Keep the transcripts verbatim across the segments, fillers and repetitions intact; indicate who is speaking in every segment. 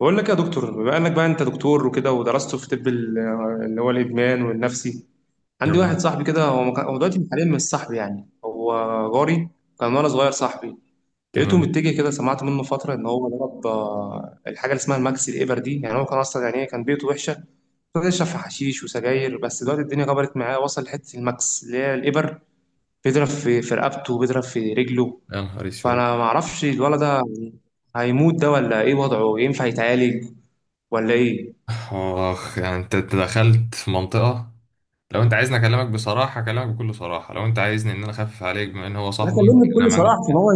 Speaker 1: بقول لك يا دكتور، بما انك بقى انت دكتور وكده ودرست في طب ال- اللي هو الادمان والنفسي. عندي واحد
Speaker 2: تمام.
Speaker 1: صاحبي كده، هو مك... هو دلوقتي حاليا مش صاحبي، يعني هو جاري. كان وانا صغير صاحبي. لقيته
Speaker 2: تمام.
Speaker 1: متجه كده، سمعت منه فتره ان هو ضرب آه، الحاجه اللي اسمها الماكس، الابر دي. يعني هو كان اصلا، يعني إيه، كان بيته وحشه. كان يشرب في حشيش وسجاير، بس دلوقتي الدنيا كبرت معاه، وصل لحته الماكس اللي هي الابر. بيضرب في في رقبته، بيضرب في رجله.
Speaker 2: يا نهار اسود.
Speaker 1: فانا ما اعرفش الولد ده هيموت ده، ولا ايه وضعه؟ ينفع يتعالج ولا ايه؟
Speaker 2: اخ، يعني انت أنت دخلت في منطقة. لو انت عايزني اكلمك بصراحة اكلمك بكل صراحة. لو انت عايزني ان انا اخفف عليك بما ان هو
Speaker 1: لا،
Speaker 2: صاحبك،
Speaker 1: كلمني
Speaker 2: انا
Speaker 1: بكل
Speaker 2: ما
Speaker 1: صراحه،
Speaker 2: عنديش
Speaker 1: عشان
Speaker 2: مانع.
Speaker 1: هو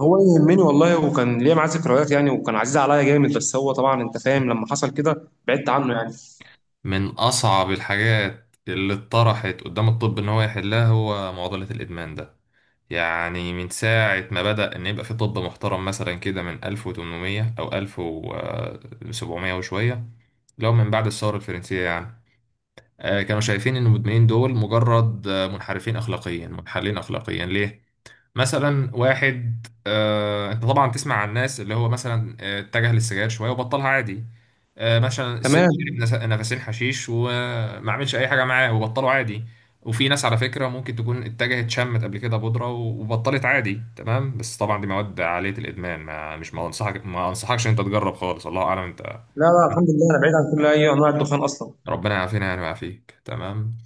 Speaker 1: هو يهمني والله، وكان ليا معاه ذكريات يعني، وكان عزيز عليا جامد. بس هو طبعا انت فاهم، لما حصل كده بعدت عنه يعني.
Speaker 2: من اصعب الحاجات اللي اتطرحت قدام الطب ان هو يحلها، هو معضلة الادمان ده. يعني من ساعة ما بدأ ان يبقى في طب محترم مثلا كده، من ألف وثمانمئة او ألف وسبعميه وشوية، لو من بعد الثورة الفرنسية يعني. آه، كانوا شايفين ان المدمنين دول مجرد آه، منحرفين اخلاقيا، منحلين اخلاقيا. ليه؟ مثلا واحد، آه، انت طبعا تسمع عن الناس اللي هو مثلا آه، اتجه للسجاير شويه وبطلها عادي. آه، مثلا س- شرب
Speaker 1: تمام.
Speaker 2: نس- نفسين حشيش وما عملش اي حاجه معاه وبطله عادي. وفي ناس على فكره ممكن تكون اتجهت شمت قبل كده بودره وبطلت عادي، تمام، بس طبعا دي مواد عاليه الادمان، ما مش ما انصحك ما انصحكش ان انت تجرب خالص. الله اعلم انت.
Speaker 1: لا لا، الحمد لله، انا بعيد عن كل اي انواع الدخان اصلا.
Speaker 2: ربنا يعافينا يعني، ويعافيك. تمام.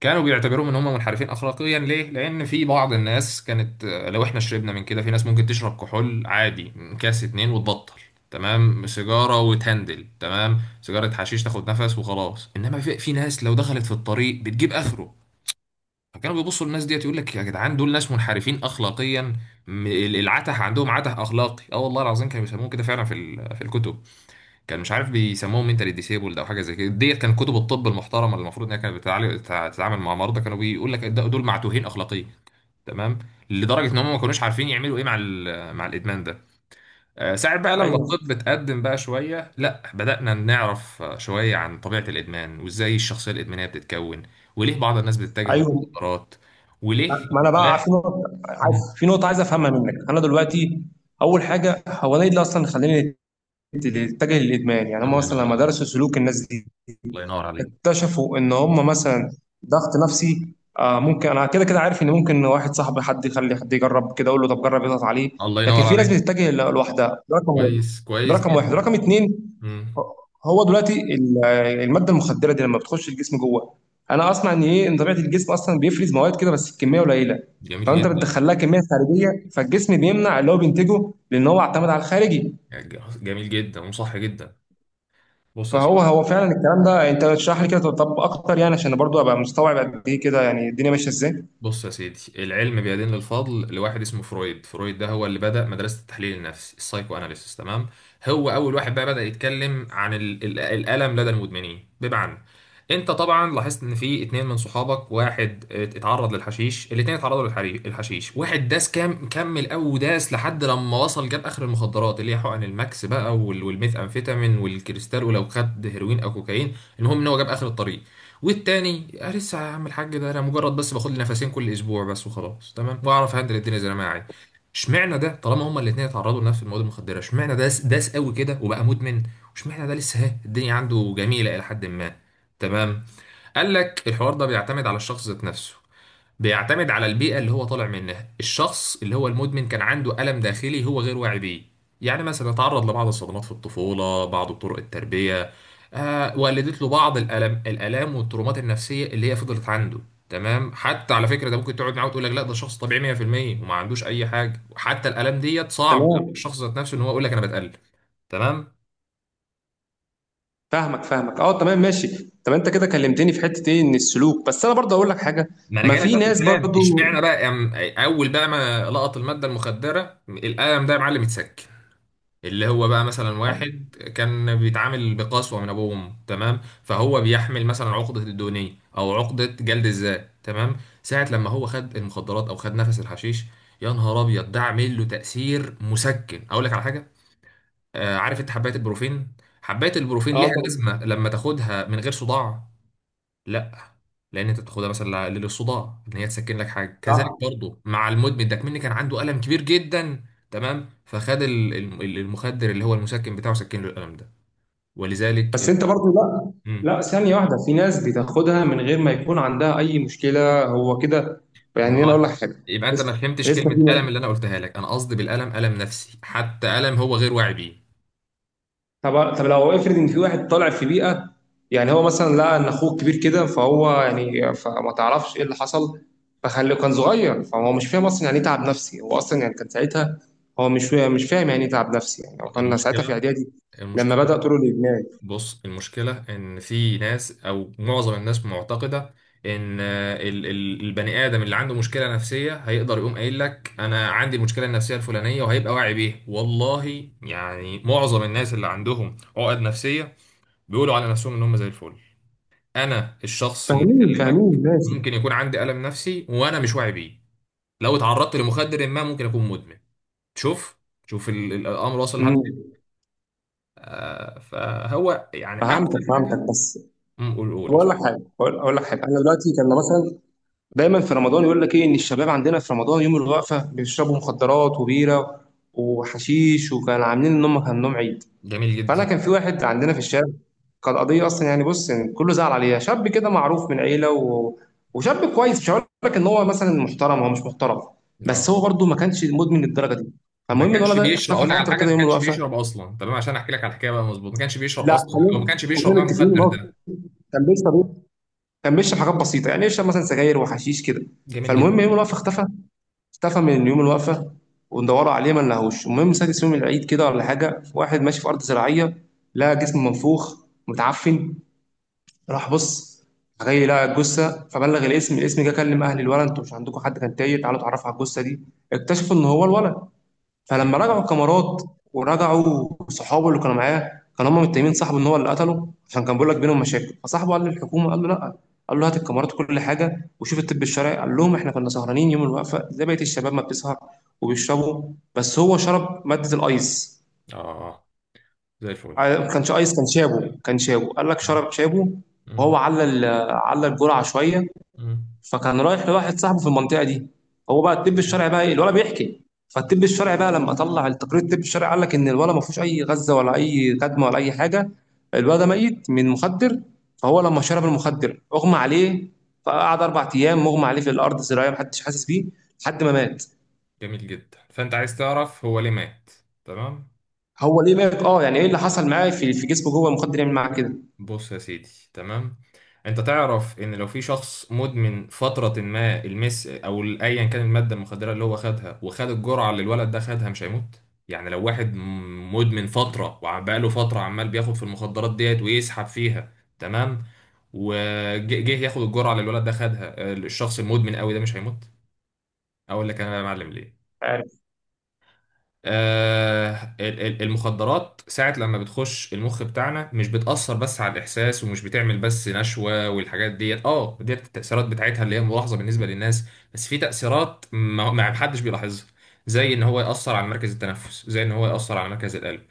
Speaker 2: كانوا بيعتبروهم ان هم منحرفين اخلاقيا. ليه؟ لان في بعض الناس كانت، آه، لو احنا شربنا من كده، في ناس ممكن تشرب كحول عادي، كاس اتنين وتبطل. تمام، سيجاره وتهندل، تمام، سيجاره حشيش تاخد نفس وخلاص. انما في, في ناس لو دخلت في الطريق بتجيب اخره. فكانوا بيبصوا للناس ديت، يقول لك يا جدعان، دول ناس منحرفين اخلاقيا. م- العته، عندهم عته اخلاقي. اه والله العظيم كانوا بيسموه كده فعلا، في ال- في الكتب، كان مش عارف بيسموهم منتالي ديسيبلد او حاجه زي كده ديت. كان كتب الطب المحترمه اللي المفروض انها كانت بتتعالج- بتتع- بتتعامل مع مرضى، كانوا بيقول لك ده- دول معتوهين اخلاقيا. تمام، لدرجه ان هم ما كانوش عارفين يعملوا ايه مع ال- مع الادمان ده. آه، ساعة بقى لما
Speaker 1: ايوه.
Speaker 2: الطب اتقدم بقى شويه، لا بدانا نعرف آه، شويه عن طبيعه الادمان وازاي الشخصيه الادمانيه بتتكون. وليه بعض الناس بتتجه
Speaker 1: ايوه.
Speaker 2: للمخدرات. وليه
Speaker 1: ما ما انا بقى في
Speaker 2: الواحد-
Speaker 1: نقطه، عايز
Speaker 2: مم.
Speaker 1: في نقطه عايز افهمها منك انا دلوقتي. اول حاجه، هو انا ايه اللي اصلا خلاني اتجه للادمان؟ يعني هم
Speaker 2: الله
Speaker 1: مثلا
Speaker 2: ينور
Speaker 1: لما
Speaker 2: عليك.
Speaker 1: درسوا سلوك الناس دي،
Speaker 2: الله ينور عليك.
Speaker 1: اكتشفوا ان هم مثلا ضغط نفسي، آه. ممكن، انا كده كده عارف ان ممكن واحد صاحبي، حد يخلي حد يجرب كده، اقول له طب جرب، يضغط عليه.
Speaker 2: الله
Speaker 1: لكن
Speaker 2: ينور
Speaker 1: في ناس
Speaker 2: عليك.
Speaker 1: بتتجه ل- لوحدها. ده رقم واحد.
Speaker 2: كويس،
Speaker 1: ده
Speaker 2: كويس
Speaker 1: رقم واحد. رقم
Speaker 2: جدا.
Speaker 1: اتنين،
Speaker 2: مم.
Speaker 1: هو دلوقتي ال- الماده المخدره دي لما بتخش الجسم جوه، انا اسمع ان ايه، ان طبيعه الجسم اصلا بيفرز مواد كده، بس الكميه قليله.
Speaker 2: جميل
Speaker 1: فانت
Speaker 2: جدا.
Speaker 1: بتدخلها كميه خارجيه، فالجسم بيمنع اللي هو بينتجه، لان هو اعتمد على الخارجي.
Speaker 2: جميل جدا وصح جدا. بص يا
Speaker 1: فهو
Speaker 2: سيدي.
Speaker 1: هو فعلا الكلام ده؟ انت اشرح لي كده طب اكتر يعني، عشان برضو ابقى مستوعب قد ايه كده، يعني الدنيا ماشيه ازاي.
Speaker 2: بص يا سيدي، العلم بيدين للفضل لواحد اسمه فرويد. فرويد ده هو اللي بدأ مدرسة التحليل النفسي، السايكو اناليسيس. تمام. هو اول واحد بقى بدأ يتكلم عن ال ال الألم لدى المدمنين. بمعنى، انت طبعا لاحظت ان في اتنين من صحابك، واحد ات- اتعرض للحشيش. الاتنين اتعرضوا للحري- للحشيش. واحد داس كام كمل، او داس لحد لما وصل جاب اخر المخدرات اللي هي حقن الماكس بقى، وال- والميثامفيتامين والكريستال، ولو خد هيروين او كوكايين. المهم ان هو جاب اخر الطريق. والتاني، أنا لسه يا عم الحاج ده، أنا مجرد بس باخد لي نفسين كل أسبوع بس وخلاص، تمام، وأعرف هندل الدنيا زي ما أنا عايز. اشمعنى ده؟ طالما هما الاتنين اتعرضوا لنفس المواد المخدرة، اشمعنى ده داس قوي كده وبقى مدمن، واشمعنى ده لسه ها الدنيا عنده جميلة إلى حد ما. تمام. قال لك الحوار ده بيعتمد على الشخص ذات نفسه، بيعتمد على البيئة اللي هو طالع منها. الشخص اللي هو المدمن كان عنده ألم داخلي هو غير واعي بيه. يعني مثلا تعرض لبعض الصدمات في الطفولة، بعض طرق التربية، آه ولدت له بعض الألم، الآلام والترومات النفسية اللي هي فضلت عنده. تمام، حتى على فكرة، ده ممكن تقعد معاه وتقول لك لا ده شخص طبيعي مية في المية، وما عندوش أي حاجة. وحتى الآلام ديت صعب على
Speaker 1: تمام.
Speaker 2: الشخص ذات نفسه إن هو يقول لك أنا بتألم. تمام.
Speaker 1: فاهمك فاهمك، اه، تمام، ماشي. طب انت كده كلمتني في حته ايه، ان السلوك. بس انا برضو اقول لك حاجه.
Speaker 2: ما انا
Speaker 1: ما
Speaker 2: جايلك
Speaker 1: في
Speaker 2: بقى في
Speaker 1: ناس
Speaker 2: الكلام،
Speaker 1: برضو.
Speaker 2: اشمعنى بقى، أم- اول بقى ما لقط الماده المخدره الالم ده يا معلم اتسك. اللي هو بقى مثلا واحد كان بيتعامل بقسوة من ابوه وامه، تمام، فهو بيحمل مثلا عقدة الدونية او عقدة جلد الذات. تمام، ساعة لما هو خد المخدرات او خد نفس الحشيش، يا نهار ابيض، ده عامل له تأثير مسكن. اقول لك على حاجة، آه عارف انت حباية البروفين؟ حباية البروفين
Speaker 1: اه
Speaker 2: ليها
Speaker 1: طبعا.
Speaker 2: لازمة لما تاخدها من غير صداع؟ لا. لان انت تاخدها مثلا للصداع، ان هي تسكن لك حاجه. مم. كذلك
Speaker 1: صح.
Speaker 2: برضو مع المدمن ده، كمان كان عنده الم كبير جدا. تمام، فخد ال- ال- المخدر اللي هو المسكن بتاعه سكن له الالم ده. ولذلك
Speaker 1: بس
Speaker 2: ال...
Speaker 1: انت برضو، لا.
Speaker 2: مم.
Speaker 1: لا، ثانيه واحده، في ناس بتاخدها من غير ما يكون عندها اي مشكله، هو كده.
Speaker 2: ما
Speaker 1: يعني انا
Speaker 2: هو،
Speaker 1: اقول لك حاجه،
Speaker 2: يبقى انت ما
Speaker 1: لسه
Speaker 2: فهمتش
Speaker 1: لسه
Speaker 2: كلمه الم
Speaker 1: في.
Speaker 2: اللي انا قلتها لك. انا قصدي بالالم الم نفسي، حتى الم هو غير واعي بيه.
Speaker 1: طب طب لو افرض ان في واحد طالع في بيئه، يعني هو مثلا لقى ان اخوه كبير كده، فهو يعني فما تعرفش ايه اللي حصل، فخلي كان صغير، فهو مش فاهم اصلا يعني ايه تعب نفسي، هو اصلا يعني كان ساعتها هو مش فا- مش فاهم يعني ايه تعب نفسي، يعني هو كان ساعتها في
Speaker 2: المشكله
Speaker 1: اعدادي لما
Speaker 2: المشكله
Speaker 1: بدأ طرق الادمان.
Speaker 2: بص، المشكلة إن في ناس أو معظم الناس معتقدة إن ال- ال- البني آدم اللي عنده مشكلة نفسية هيقدر يقوم قايل لك أنا عندي المشكلة النفسية الفلانية وهيبقى واعي بيه. والله يعني معظم الناس اللي عندهم عقد نفسية بيقولوا على نفسهم إن هم زي الفل. أنا الشخص اللي
Speaker 1: فاهمين
Speaker 2: بكلمك
Speaker 1: فاهمين ماشي.
Speaker 2: ممكن يكون عندي ألم نفسي وأنا مش واعي بيه. لو اتعرضت لمخدر ما ممكن أكون مدمن. شوف، شوف ال- ال- الأمر واصل لحد
Speaker 1: امم
Speaker 2: فين. آه، فهو يعني
Speaker 1: فهعمل.
Speaker 2: أحسن حاجة. مم، قول، قول.
Speaker 1: بقول لك حاجه، بقول أقول لك حاجه انا دايما في رمضان يقول لك ايه، ان الشباب عندنا في رمضان يوم الوقفه بيشربوا مخدرات وبيره وحشيش، وكان عاملين ان هم كان نوم عيد.
Speaker 2: جميل
Speaker 1: فانا
Speaker 2: جدا.
Speaker 1: كان في واحد عندنا في الشارع، كان قضيه اصلا يعني، بص يعني كله زعل عليها. شاب كده معروف من عيله و... وشاب كويس، مش هقول لك ان هو مثلا محترم، هو مش محترم،
Speaker 2: اه،
Speaker 1: بس هو برضه ما كانش مدمن للدرجه دي.
Speaker 2: ما
Speaker 1: فالمهم الولد
Speaker 2: كانش
Speaker 1: ده
Speaker 2: بيشرب.
Speaker 1: اختفى
Speaker 2: اقول لك على
Speaker 1: فتره
Speaker 2: حاجه،
Speaker 1: كده
Speaker 2: ما
Speaker 1: يوم
Speaker 2: كانش
Speaker 1: الوقفه.
Speaker 2: بيشرب اصلا، تمام. عشان احكي لك على الحكايه بقى، مظبوط، ما كانش بيشرب
Speaker 1: لا،
Speaker 2: اصلا، او ما
Speaker 1: خلينا
Speaker 2: كانش بيشرب
Speaker 1: كلنا
Speaker 2: نوع
Speaker 1: متفقين ان
Speaker 2: المخدر
Speaker 1: هو
Speaker 2: ده.
Speaker 1: كان بيشرب ايه؟ كان بيشرب حاجات بسيطه يعني، يشرب مثلا سجاير وحشيش كده.
Speaker 2: جميل جدا.
Speaker 1: فالمهم يوم الوقفه اختفى، اختفى من يوم الوقفه، وندوروا عليه ما نلاقوش. المهم سادس يوم العيد كده ولا حاجه، واحد ماشي في ارض زراعيه، لقى جسم منفوخ متعفن، راح بص، جاي لقى الجثه، فبلغ الاسم، الاسم جه كلم اهل الولد: انتوا مش عندكم حد كان تايه؟ تعالوا اتعرفوا على الجثه دي. اكتشفوا ان هو الولد. فلما رجعوا
Speaker 2: يعني،
Speaker 1: الكاميرات ورجعوا صحابه اللي كانوا معاه، كانوا هم متهمين صاحبه ان هو اللي قتله، عشان كان بيقول لك بينهم مشاكل. فصاحبه قال للحكومه، قال له لا، قال له هات الكاميرات وكل حاجه وشوف الطب الشرعي. قال لهم احنا كنا سهرانين يوم الوقفه زي بقيه الشباب ما بتسهر وبيشربوا، بس هو شرب ماده الايس.
Speaker 2: اه، زي الفل.
Speaker 1: ما كانش ايس، كان شابو، كان شابو، قال لك شرب شابو
Speaker 2: مم.
Speaker 1: وهو على ال- على الجرعه شويه.
Speaker 2: مم.
Speaker 1: فكان رايح لواحد صاحبه في المنطقه دي. هو بقى الطب الشرعي بقى إيه؟ الولد بيحكي. فالطب الشرعي بقى لما طلع التقرير، الطب الشرعي قال لك ان الولد ما فيهوش اي غزه ولا اي كدمه ولا اي حاجه، الولد ده ميت من مخدر. فهو لما شرب المخدر اغمى عليه، فقعد اربع ايام مغمى عليه في الارض زراعيه، محدش حاسس بيه، لحد ما مات.
Speaker 2: جميل جدا. فانت عايز تعرف هو ليه مات. تمام.
Speaker 1: هو ليه مات، اه؟ يعني ايه اللي حصل معاه في في جسمه جوه المخدر يعمل معاه كده؟
Speaker 2: بص يا سيدي. تمام، انت تعرف ان لو في شخص مدمن فترة ما المس او ايا كان المادة المخدرة اللي هو خدها، وخد الجرعة اللي الولد ده خدها، مش هيموت. يعني لو واحد م- مدمن فترة، وبقاله فترة عمال بياخد في المخدرات ديت ويسحب فيها، تمام، وجه ياخد الجرعة اللي الولد ده خدها، آه، الشخص المدمن قوي ده مش هيموت. اقول لك انا بقى يا معلم ليه.
Speaker 1: عارف.
Speaker 2: آه، ال- ال- المخدرات ساعة لما بتخش المخ بتاعنا مش بتأثر بس على الإحساس، ومش بتعمل بس نشوة والحاجات ديت اه ديت التأثيرات بتاعتها اللي هي ملاحظة بالنسبة للناس. بس في تأثيرات ما ما محدش بيلاحظها، زي إن هو يأثر على مركز التنفس، زي إن هو يأثر على مركز القلب.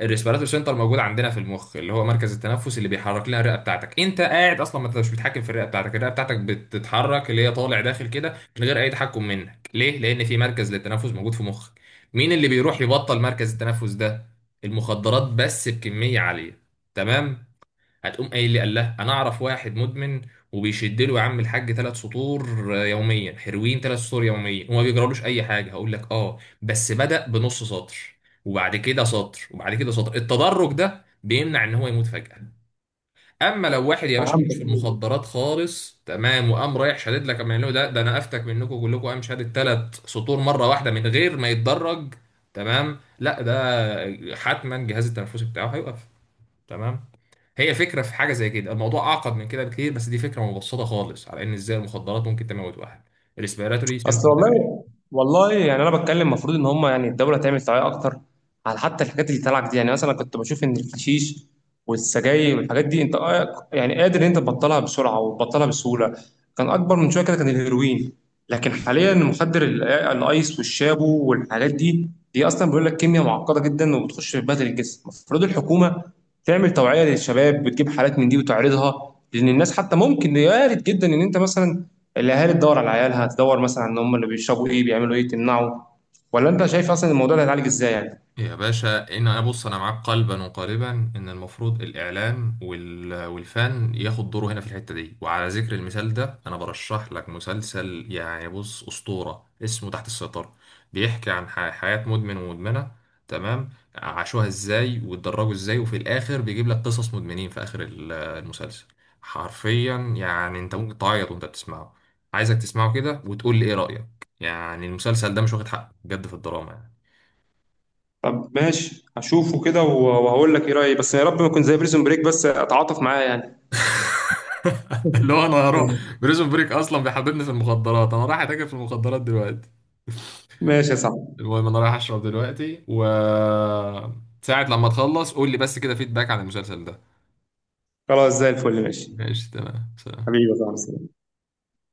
Speaker 2: الريسبيراتور سنتر موجود عندنا في المخ، اللي هو مركز التنفس اللي بيحرك لنا الرئة بتاعتك. انت قاعد اصلا، ما انت مش بتتحكم في الرئة بتاعتك، الرئة بتاعتك بتتحرك اللي هي طالع داخل كده من غير اي تحكم منك. ليه؟ لان في مركز للتنفس موجود في مخك. مين اللي بيروح يبطل مركز التنفس ده؟ المخدرات، بس بكمية عالية. تمام. هتقوم قايل لي قال لا انا اعرف واحد مدمن وبيشد له يا عم الحاج ثلاث سطور آه، يوميا، هيروين ثلاث سطور يوميا وما بيجرالوش اي حاجه. هقول لك اه، بس بدأ بنص سطر، وبعد كده سطر، وبعد كده سطر. التدرج ده بيمنع ان هو يموت فجأة. اما لو واحد يا باشا ملوش
Speaker 1: فهمت.
Speaker 2: في المخدرات خالص، تمام، وقام رايح شادد لك قام قايل له ده، ده انا افتك منكم كلكم، قام شادد ثلاث سطور مره واحده من غير ما يتدرج. تمام، لا ده حتما الجهاز التنفسي بتاعه هيوقف. تمام. هي فكره في حاجه زي كده، الموضوع اعقد من كده بكتير، بس دي فكره مبسطه خالص على ان ازاي المخدرات ممكن تموت واحد. الريسبيراتوري
Speaker 1: اصل
Speaker 2: سيندروم.
Speaker 1: والله، والله يعني انا بتكلم، المفروض ان هم يعني الدوله تعمل توعيه اكتر، على حتى الحاجات اللي طالعه جديد. يعني مثلا كنت بشوف ان الحشيش والسجاير والحاجات دي، انت آه يعني قادر ان انت تبطلها بسرعه وتبطلها بسهوله. كان اكبر من شويه كده، كان الهيروين. لكن حاليا المخدر ال- آه، الايس والشابو والحاجات دي، دي اصلا بيقول لك كيمياء معقده جدا، وبتخش في بدل الجسم. المفروض الحكومه تعمل توعيه للشباب، بتجيب حالات من دي وتعرضها، لان الناس حتى ممكن وارد جدا ان انت مثلا الاهالي تدور على عيالها، تدور مثلا ان هم اللي بيشربوا ايه بيعملوا ايه تمنعوا. ولا انت شايف اصلا الموضوع ده هيتعالج ازاي يعني؟
Speaker 2: يا باشا، ان انا، بص انا معاك قلبا وقالبا، ان المفروض الاعلام وال... والفن ياخد دوره هنا في الحته دي. وعلى ذكر المثال ده، انا برشح لك مسلسل يعني، بص، اسطوره، اسمه تحت السيطره. بيحكي عن ح... حياه مدمن ومدمنه. تمام، عاشوها ازاي واتدرجوا ازاي، وفي الاخر بيجيب لك قصص مدمنين في اخر ال- المسلسل. حرفيا يعني انت ممكن تعيط وانت بتسمعه. عايزك تسمعه كده وتقول لي ايه رايك. يعني المسلسل ده مش واخد حقه بجد في الدراما يعني.
Speaker 1: طب ماشي، هشوفه كده و- وهقول لك ايه رايي، بس يا رب ما يكون زي بريزون بريك بس، اتعاطف معاه يعني.
Speaker 2: اللي هو، انا هروح بريزون بريك اصلا بيحببني في المخدرات، انا رايح اتاجر في المخدرات دلوقتي.
Speaker 1: ماشي يا صاحبي.
Speaker 2: المهم انا رايح اشرب دلوقتي و ساعة لما تخلص قول لي بس كده فيدباك عن المسلسل ده.
Speaker 1: خلاص، زي الفل، ماشي.
Speaker 2: ماشي، تمام، سلام.
Speaker 1: حبيبي يا صاحبي.